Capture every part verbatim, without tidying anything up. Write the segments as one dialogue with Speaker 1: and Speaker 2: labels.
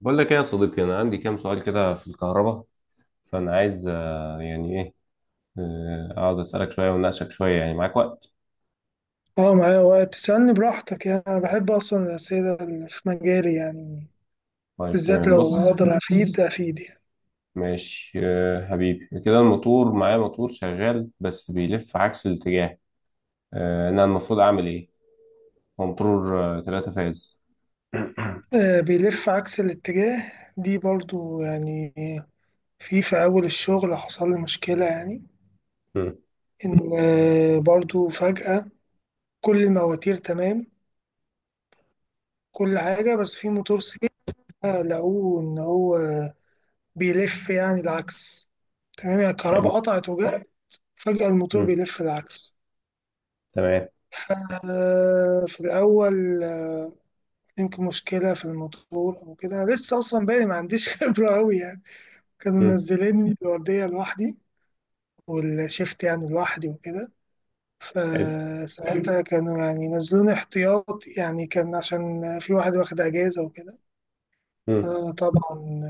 Speaker 1: بقول لك ايه يا صديقي، انا عندي كام سؤال كده في الكهرباء. فانا عايز آه، يعني ايه آه، اقعد اسالك شويه واناقشك شويه. يعني معاك وقت؟
Speaker 2: اه معايا وقت، تسألني براحتك. يعني أنا بحب أصلا الأسئلة اللي في مجالي، يعني
Speaker 1: طيب
Speaker 2: بالذات
Speaker 1: تمام،
Speaker 2: لو
Speaker 1: بص.
Speaker 2: أقدر أفيد أفيد يعني.
Speaker 1: ماشي آه، حبيبي كده، الموتور معايا موتور شغال بس بيلف عكس الاتجاه. آه، انا المفروض اعمل ايه؟ هو موتور آه، تلاتة فاز.
Speaker 2: آه بيلف عكس الاتجاه دي برضو، يعني في في أول الشغل حصل لي مشكلة يعني.
Speaker 1: مم،
Speaker 2: إن آه برضو فجأة كل المواتير تمام، كل حاجة، بس في موتور سير لقوه إن هو بيلف يعني العكس. تمام، يعني الكهرباء
Speaker 1: حلو.
Speaker 2: قطعت وجت فجأة الموتور
Speaker 1: مم،
Speaker 2: بيلف العكس.
Speaker 1: تمام.
Speaker 2: آه في الأول آه، يمكن مشكلة في الموتور أو كده، لسه أصلا باقي ما عنديش خبرة أوي يعني. كانوا
Speaker 1: مم،
Speaker 2: منزليني الوردية لوحدي، والشيفت يعني لوحدي وكده،
Speaker 1: حلو.
Speaker 2: فساعتها كانوا يعني نزلوني احتياط، يعني كان عشان في واحد واخد أجازة وكده.
Speaker 1: مم،
Speaker 2: أنا طبعا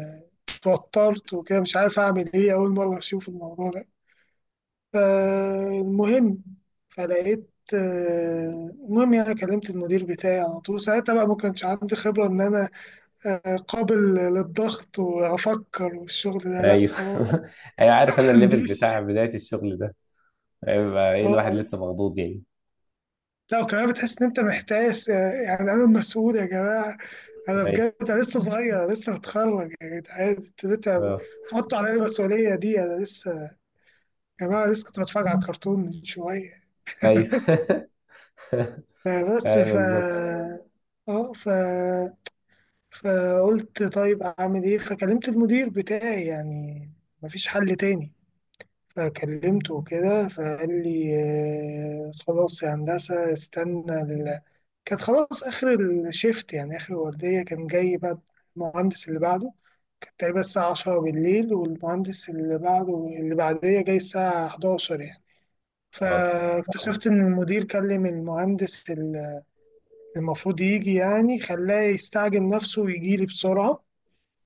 Speaker 2: اتوترت وكده، مش عارف أعمل إيه، أول مرة أشوف الموضوع ده. فالمهم فلقيت آه، المهم يعني كلمت المدير بتاعي على طول، ساعتها بقى ما كانش عندي خبرة إن أنا آه، قابل للضغط وأفكر، والشغل ده لأ
Speaker 1: ايوه.
Speaker 2: خلاص.
Speaker 1: ايوه، عارف انا الليفل
Speaker 2: مهندس.
Speaker 1: بتاع بدايه الشغل ده هيبقى ايه. الواحد
Speaker 2: اه
Speaker 1: لسه مخضوض يعني.
Speaker 2: لا، وكمان بتحس إن أنت محتاس، آه، يعني أنا مسؤول يا جماعة، أنا
Speaker 1: ايوه.
Speaker 2: بجد أنا لسه صغير، أنا لسه بتخرج، يا جدعان أنتوا ليه
Speaker 1: اه.
Speaker 2: تحطوا عليا المسؤولية دي؟ أنا لسه، يا جماعة لسه كنت بتفرج على الكرتون من شوية.
Speaker 1: ايوه.
Speaker 2: بس
Speaker 1: ايوه
Speaker 2: ف
Speaker 1: بالظبط.
Speaker 2: اه ف فقلت طيب أعمل إيه؟ فكلمت المدير بتاعي، يعني مفيش حل تاني. فكلمته وكده فقال لي آه، خلاص يا هندسة استنى ال... كانت خلاص آخر الشيفت يعني، آخر الوردية كان جاي بقى المهندس اللي بعده. كانت تقريبا الساعة عشرة بالليل، والمهندس اللي بعده، اللي بعدية جاي الساعة حداشر يعني.
Speaker 1: اه.
Speaker 2: فاكتشفت إن المدير كلم المهندس اللي المفروض يجي، يعني خلاه يستعجل نفسه ويجيلي بسرعة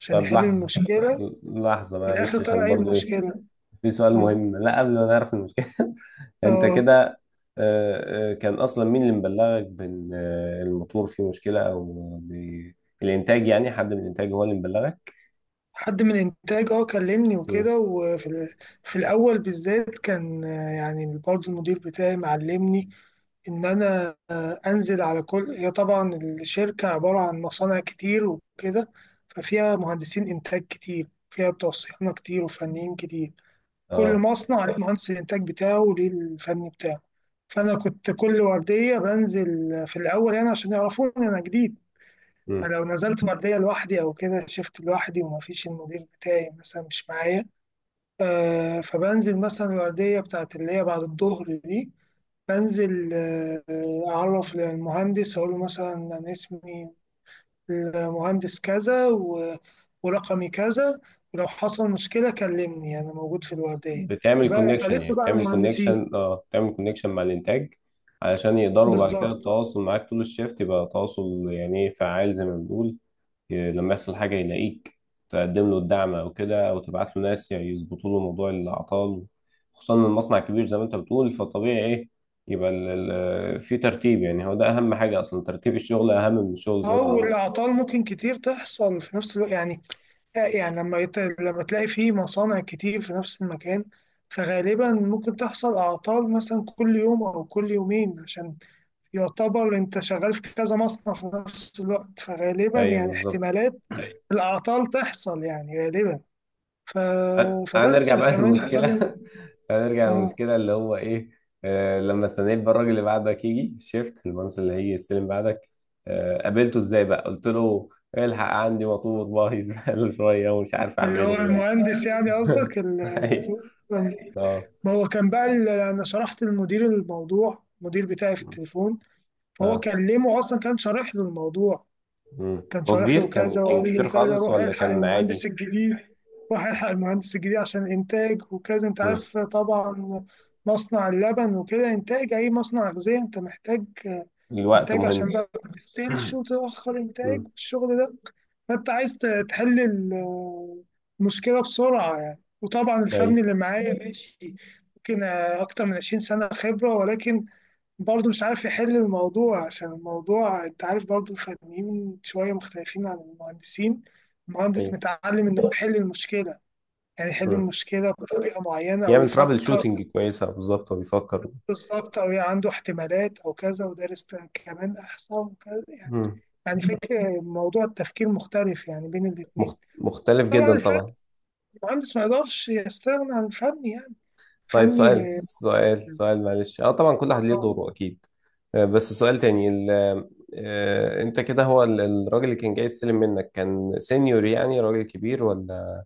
Speaker 2: عشان
Speaker 1: طب
Speaker 2: يحل
Speaker 1: لحظة،
Speaker 2: المشكلة.
Speaker 1: لحظة
Speaker 2: في الآخر
Speaker 1: معلش،
Speaker 2: طلع
Speaker 1: عشان
Speaker 2: إيه
Speaker 1: برضو ايه،
Speaker 2: المشكلة؟
Speaker 1: في سؤال
Speaker 2: آه
Speaker 1: مهم لا قبل ما نعرف المشكلة. انت
Speaker 2: آه
Speaker 1: كده آه، آه، كان اصلا مين اللي مبلغك بان آه، الموتور فيه مشكلة او ب- الانتاج؟ يعني حد من الانتاج هو اللي مبلغك؟
Speaker 2: حد من انتاج اه كلمني
Speaker 1: مم.
Speaker 2: وكده. وفي ال- في الاول بالذات كان آه، يعني برضه المدير بتاعي معلمني ان انا آه، انزل على كل، هي طبعا الشركه عباره عن مصانع كتير وكده، ففيها مهندسين انتاج كتير، فيها بتوع صيانه كتير وفنيين كتير. كل
Speaker 1: اه.
Speaker 2: مصنع ليه مهندس الانتاج بتاعه وليه الفني بتاعه. فانا كنت كل ورديه بنزل في الاول، يعني عشان يعرفوني انا جديد.
Speaker 1: مم.
Speaker 2: فلو نزلت مردية لوحدي أو كده، شفت لوحدي ومفيش المدير بتاعي مثلا مش معايا، آه فبنزل مثلا الوردية بتاعت اللي هي بعد الظهر دي. بنزل آه آه، أعرف للمهندس، أقول له مثلا أنا اسمي المهندس كذا، و- ورقمي كذا، ولو حصل مشكلة كلمني أنا موجود في الوردية.
Speaker 1: بتعمل
Speaker 2: بقى بقى
Speaker 1: كونكشن، يعني
Speaker 2: لسه بقى
Speaker 1: بتعمل
Speaker 2: المهندسين.
Speaker 1: كونكشن، اه بتعمل كونكشن مع الانتاج، علشان يقدروا بعد كده
Speaker 2: بالظبط.
Speaker 1: التواصل معاك طول الشيفت، يبقى تواصل يعني ايه، فعال زي ما بنقول. ي- لما يحصل حاجة يلاقيك تقدم له الدعم أو كده، أو تبعت له ناس يعني يظبطوا له موضوع الأعطال. خصوصا إن المصنع كبير زي ما أنت بتقول، فطبيعي إيه، يبقى ال- ال- في ترتيب. يعني هو ده أهم حاجة أصلا، ترتيب الشغل أهم من الشغل زي ما
Speaker 2: أو
Speaker 1: بنقول.
Speaker 2: الأعطال ممكن كتير تحصل في نفس الوقت يعني، يعني لما يت... لما تلاقي فيه مصانع كتير في نفس المكان، فغالبا ممكن تحصل أعطال مثلا كل يوم أو كل يومين، عشان يعتبر أنت شغال في كذا مصنع في نفس الوقت، فغالبا
Speaker 1: أيوه
Speaker 2: يعني
Speaker 1: بالظبط.
Speaker 2: احتمالات الأعطال تحصل يعني غالبا. ف...
Speaker 1: تعال تعال
Speaker 2: فبس،
Speaker 1: نرجع بقى
Speaker 2: وكمان
Speaker 1: للمشكلة.
Speaker 2: بخلي.
Speaker 1: تعال نرجع
Speaker 2: اه
Speaker 1: للمشكلة اللي هو إيه. آه لما استنيت بقى الراجل اللي بعدك يجي الشيفت، المهندس اللي هيجي يستلم بعدك، آه قابلته إزاي بقى؟ قلت له إيه؟ الحق عندي مطلوب والله. زبالة شوية ومش عارف
Speaker 2: اللي هو
Speaker 1: أعمله.
Speaker 2: المهندس يعني، قصدك
Speaker 1: ايوه.
Speaker 2: ال-
Speaker 1: اه.
Speaker 2: ما هو كان بقى ال- أنا شرحت للمدير الموضوع، المدير بتاعي في التليفون فهو
Speaker 1: اه.
Speaker 2: كلمه أصلا، كان شارح له الموضوع،
Speaker 1: مم.
Speaker 2: كان
Speaker 1: هو
Speaker 2: شارح
Speaker 1: كبير؟
Speaker 2: له
Speaker 1: كان
Speaker 2: كذا
Speaker 1: كان
Speaker 2: وقال
Speaker 1: كبير
Speaker 2: له كذا:
Speaker 1: خالص
Speaker 2: روح
Speaker 1: ولا
Speaker 2: الحق
Speaker 1: كان
Speaker 2: المهندس
Speaker 1: عادي؟
Speaker 2: الجديد. روح الحق المهندس الجديد عشان انتاج وكذا، انت
Speaker 1: مم.
Speaker 2: عارف طبعا مصنع اللبن وكده، انتاج اي مصنع غذائي انت محتاج
Speaker 1: الوقت
Speaker 2: انتاج،
Speaker 1: مهم.
Speaker 2: عشان بقى ما تغسلش وتاخر انتاج
Speaker 1: مم.
Speaker 2: الشغل ده. فانت عايز ت- تحل ال- المشكله بسرعه يعني. وطبعا الفني
Speaker 1: ايوه.
Speaker 2: اللي معايا ماشي ممكن اكتر من عشرين سنة سنه خبره، ولكن برضه مش عارف يحل الموضوع، عشان الموضوع انت عارف برضه الفنيين شوية مختلفين عن المهندسين. المهندس
Speaker 1: ايوه.
Speaker 2: متعلم انه يحل المشكلة، يعني يحل
Speaker 1: مم.
Speaker 2: المشكلة بطريقة معينة او
Speaker 1: يعمل ترابل
Speaker 2: يفكر،
Speaker 1: شوتنج كويسة، بالظبط هو بيفكر.
Speaker 2: بالظبط، او يعني عنده احتمالات او كذا، ودارس كمان احصاء وكذا يعني،
Speaker 1: مم.
Speaker 2: يعني فكرة موضوع التفكير مختلف يعني بين الاتنين.
Speaker 1: مخت... مختلف
Speaker 2: طبعا
Speaker 1: جدا
Speaker 2: الفن،
Speaker 1: طبعا.
Speaker 2: المهندس ما يقدرش يستغنى عن الفن يعني،
Speaker 1: طيب
Speaker 2: فني.
Speaker 1: سؤال سؤال سؤال معلش، اه طبعا كل واحد ليه دوره اكيد. آه، بس سؤال تاني ال... آه، انت كده هو ال- الراجل اللي كان جاي يستلم منك كان سينيور يعني راجل كبير، ولا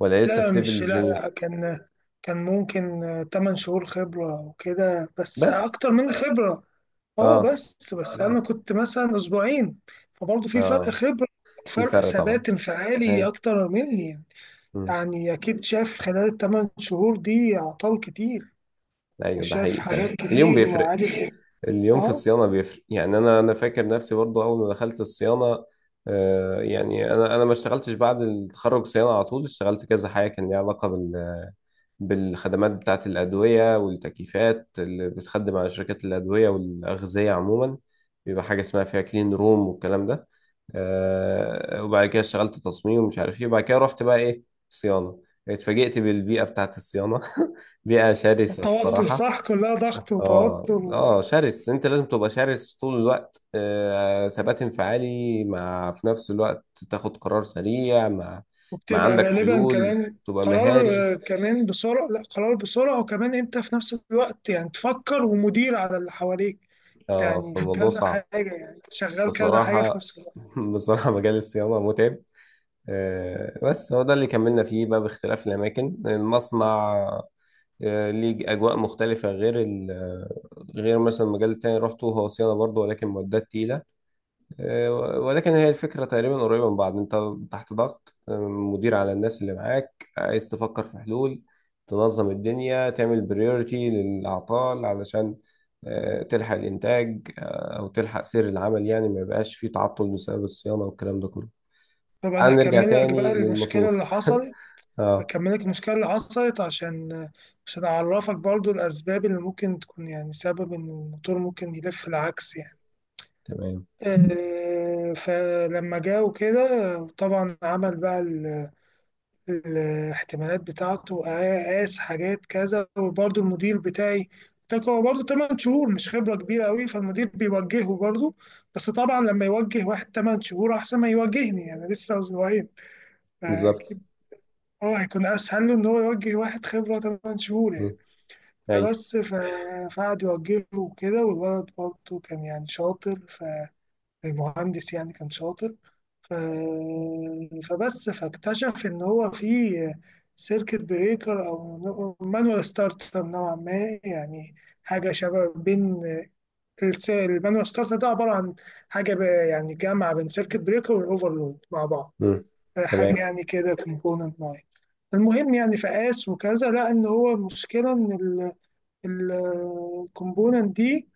Speaker 1: ولا
Speaker 2: لا،
Speaker 1: لسه
Speaker 2: لا،
Speaker 1: في ليفل
Speaker 2: مش، لا، لا،
Speaker 1: جونيور؟
Speaker 2: كان كان ممكن آه، 8 شهور خبرة وكده، بس
Speaker 1: بس
Speaker 2: أكتر من، بس خبرة. أه
Speaker 1: اه.
Speaker 2: بس بس
Speaker 1: مم.
Speaker 2: أنا كنت مثلا أسبوعين، فبرضه في فرق
Speaker 1: اه،
Speaker 2: خبرة،
Speaker 1: في
Speaker 2: فرق
Speaker 1: فرق طبعا.
Speaker 2: ثبات انفعالي
Speaker 1: ايوه.
Speaker 2: أكتر مني.
Speaker 1: مم.
Speaker 2: يعني أكيد شاف خلال الثمان شهور دي أعطال كتير،
Speaker 1: ايوه ده
Speaker 2: وشاف
Speaker 1: حقيقي،
Speaker 2: حاجات
Speaker 1: فعلا اليوم
Speaker 2: كتير
Speaker 1: بيفرق.
Speaker 2: وعارف.
Speaker 1: اليوم في
Speaker 2: أه
Speaker 1: الصيانه بيفرق. يعني انا انا فاكر نفسي برضه اول ما دخلت الصيانه، آه يعني انا انا ما اشتغلتش بعد التخرج صيانه على طول، اشتغلت كذا حاجه كان ليها علاقه بال بالخدمات بتاعة الأدوية والتكييفات اللي بتخدم على شركات الأدوية والأغذية عموما. بيبقى حاجة اسمها فيها كلين روم والكلام ده. آه، وبعد كده اشتغلت تصميم ومش عارف ايه، وبعد كده رحت بقى ايه، صيانة. اتفاجئت بالبيئة بتاعة الصيانة. بيئة شرسة
Speaker 2: التوتر
Speaker 1: الصراحة.
Speaker 2: صح، كلها ضغط
Speaker 1: اه
Speaker 2: وتوتر.
Speaker 1: اه شرس، انت لازم تبقى شرس طول الوقت. آه، ثبات انفعالي، مع في نفس الوقت تاخد قرار سريع، مع مع
Speaker 2: وبتبقى
Speaker 1: عندك
Speaker 2: غالبا
Speaker 1: حلول
Speaker 2: كمان
Speaker 1: تبقى
Speaker 2: قرار،
Speaker 1: مهاري.
Speaker 2: آه، كمان بسرعة. لا، قرار بسرعة، وكمان انت في نفس الوقت يعني تفكر ومدير على اللي حواليك،
Speaker 1: اه
Speaker 2: يعني في
Speaker 1: فالموضوع
Speaker 2: كذا حاجة،
Speaker 1: صعب.
Speaker 2: يعني أنت شغال كذا حاجة في
Speaker 1: بصراحة،
Speaker 2: نفس الوقت.
Speaker 1: بصراحة مجال الصيانة متعب. آه، بس هو ده اللي كملنا فيه بقى باختلاف الأماكن المصنع. آه، ليه أجواء مختلفة غير ال- آه، غير مثلا المجال التاني اللي روحته، هو صيانة برضه ولكن معدات تقيلة. آه، ولكن هي الفكرة تقريبا قريبة من بعض. انت تحت ضغط، آه، مدير على الناس اللي معاك، عايز تفكر في حلول، تنظم الدنيا، تعمل بريورتي للأعطال، علشان آه، تلحق الإنتاج، آه، أو تلحق سير العمل، يعني ما يبقاش فيه تعطل بسبب الصيانة والكلام ده كله.
Speaker 2: طب أنا
Speaker 1: تعال نرجع
Speaker 2: أكمل لك بقى
Speaker 1: تاني
Speaker 2: المشكلة
Speaker 1: للموتور.
Speaker 2: اللي حصلت.
Speaker 1: اه،
Speaker 2: أكمل لك المشكلة اللي حصلت عشان آه، عشان أعرفك برضو الأسباب اللي ممكن تكون يعني سبب إن الموتور ممكن يلف العكس يعني.
Speaker 1: تمام،
Speaker 2: آه، فلما جه وكده آه، طبعا عمل بقى الاحتمالات بتاعته، قاس حاجات كذا، وبرضه المدير بتاعي قلت هو برضه 8 شهور مش خبرة كبيرة قوي، فالمدير بيوجهه برضه. بس طبعا لما يوجه واحد 8 شهور أحسن ما يوجهني، يعني لسه أسبوعين.
Speaker 1: بالظبط.
Speaker 2: فأكيد هو هيكون أسهل له إن هو يوجه واحد خبرة 8 شهور يعني.
Speaker 1: مم. ايوه.
Speaker 2: فبس ف- فقعد يوجهه وكده، والولد برضه كان يعني شاطر، فالمهندس يعني كان شاطر. ف- فبس فاكتشف ان هو في سيركت بريكر او مانوال ستارتر نوعا ما، يعني حاجه شبه بين الس- المانوال ستارتر ده عباره عن حاجه ب- يعني جامعه بين سيركت بريكر والاوفرلود مع بعض،
Speaker 1: مم.
Speaker 2: حاجه
Speaker 1: تمام.
Speaker 2: يعني كده كومبوننت معين. المهم يعني فقاس وكذا، لقى ان هو المشكله ان الكومبوننت دي،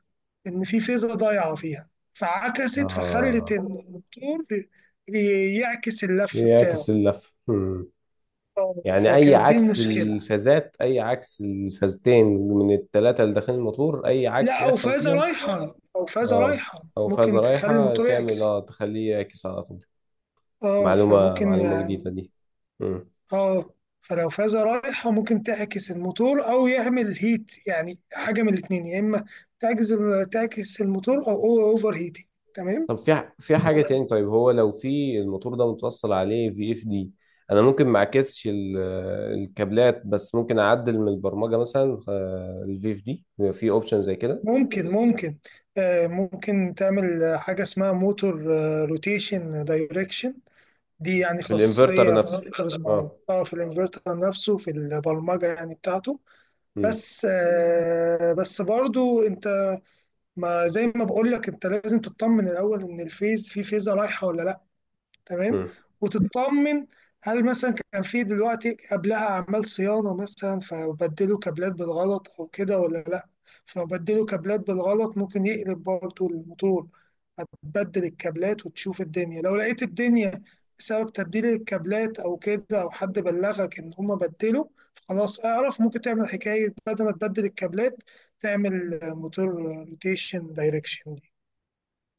Speaker 2: إن في فيزا ضايعة فيها فعكست، فخلت
Speaker 1: اه،
Speaker 2: إن الدكتور ي- يعكس اللف بتاعه.
Speaker 1: يعكس اللف.
Speaker 2: آه،
Speaker 1: يعني اي
Speaker 2: فكانت دي
Speaker 1: عكس
Speaker 2: المشكلة.
Speaker 1: الفازات، اي عكس الفازتين من الثلاثه اللي داخلين الموتور، اي عكس
Speaker 2: لا، أو
Speaker 1: يحصل
Speaker 2: فازة
Speaker 1: فيهم.
Speaker 2: رايحة، أو فازة
Speaker 1: اه.
Speaker 2: رايحة
Speaker 1: او
Speaker 2: ممكن
Speaker 1: فازه
Speaker 2: تخلي
Speaker 1: رايحه
Speaker 2: الموتور
Speaker 1: تعمل
Speaker 2: يعكس.
Speaker 1: اه تخليه يعكس على طول؟
Speaker 2: اه
Speaker 1: معلومه،
Speaker 2: فممكن
Speaker 1: معلومه جديده
Speaker 2: يعني.
Speaker 1: دي. مم.
Speaker 2: اه فلو فازة رايحة ممكن تعكس الموتور أو يعمل هيت، يعني حاجة من الاتنين: يا إما تعكس، تعكس الموتور، أو أوفر هيتنج. تمام.
Speaker 1: طب في ح- في حاجه تاني. طيب هو لو في الموتور ده متوصل عليه في اف دي، انا ممكن ما اعكسش ال- الكابلات، بس ممكن اعدل من البرمجه مثلا الفي اف دي؟ في اوبشن زي كده؟
Speaker 2: ممكن ممكن آه، ممكن تعمل آه، حاجة اسمها موتور روتيشن دايركشن. دي يعني
Speaker 1: في
Speaker 2: خاصية
Speaker 1: الانفرتر نفسه؟
Speaker 2: بانفرترز معينة،
Speaker 1: اه.
Speaker 2: اه في الانفرتر نفسه في البرمجة يعني بتاعته.
Speaker 1: مم.
Speaker 2: بس آه، بس برضو انت، ما زي ما بقول لك انت لازم تطمن الاول ان الفيز في فيزة رايحة ولا لا. تمام.
Speaker 1: مم.
Speaker 2: وتطمن هل مثلا كان في دلوقتي قبلها اعمال صيانه مثلا، فبدلوا كابلات بالغلط او كده ولا لا. فبدلوا كابلات بالغلط ممكن يقلب برضه الموتور. هتبدل الكابلات وتشوف الدنيا، لو لقيت الدنيا بسبب تبديل الكابلات او كده، او حد بلغك ان هما بدلوا، خلاص اعرف. ممكن تعمل حكايه بدل ما تبدل الكابلات، تعمل موتور روتيشن دايركشن.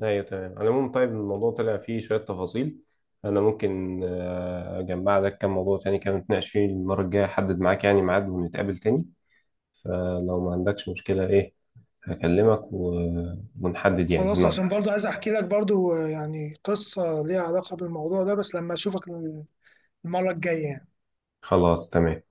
Speaker 1: ايوه تمام، على العموم طيب الموضوع طلع فيه شوية تفاصيل. انا ممكن آه، اجمع لك كم موضوع تاني كده نتناقش فيه المرة الجاية، احدد معاك يعني ميعاد ونتقابل تاني. فلو ما عندكش مشكلة ايه، هكلمك و... ونحدد يعني
Speaker 2: خلاص، عشان
Speaker 1: نقعد.
Speaker 2: برضو عايز احكي لك برضو آه، يعني قصة ليها علاقة بالموضوع ده، بس لما اشوفك المرة الجاية يعني.
Speaker 1: خلاص تمام.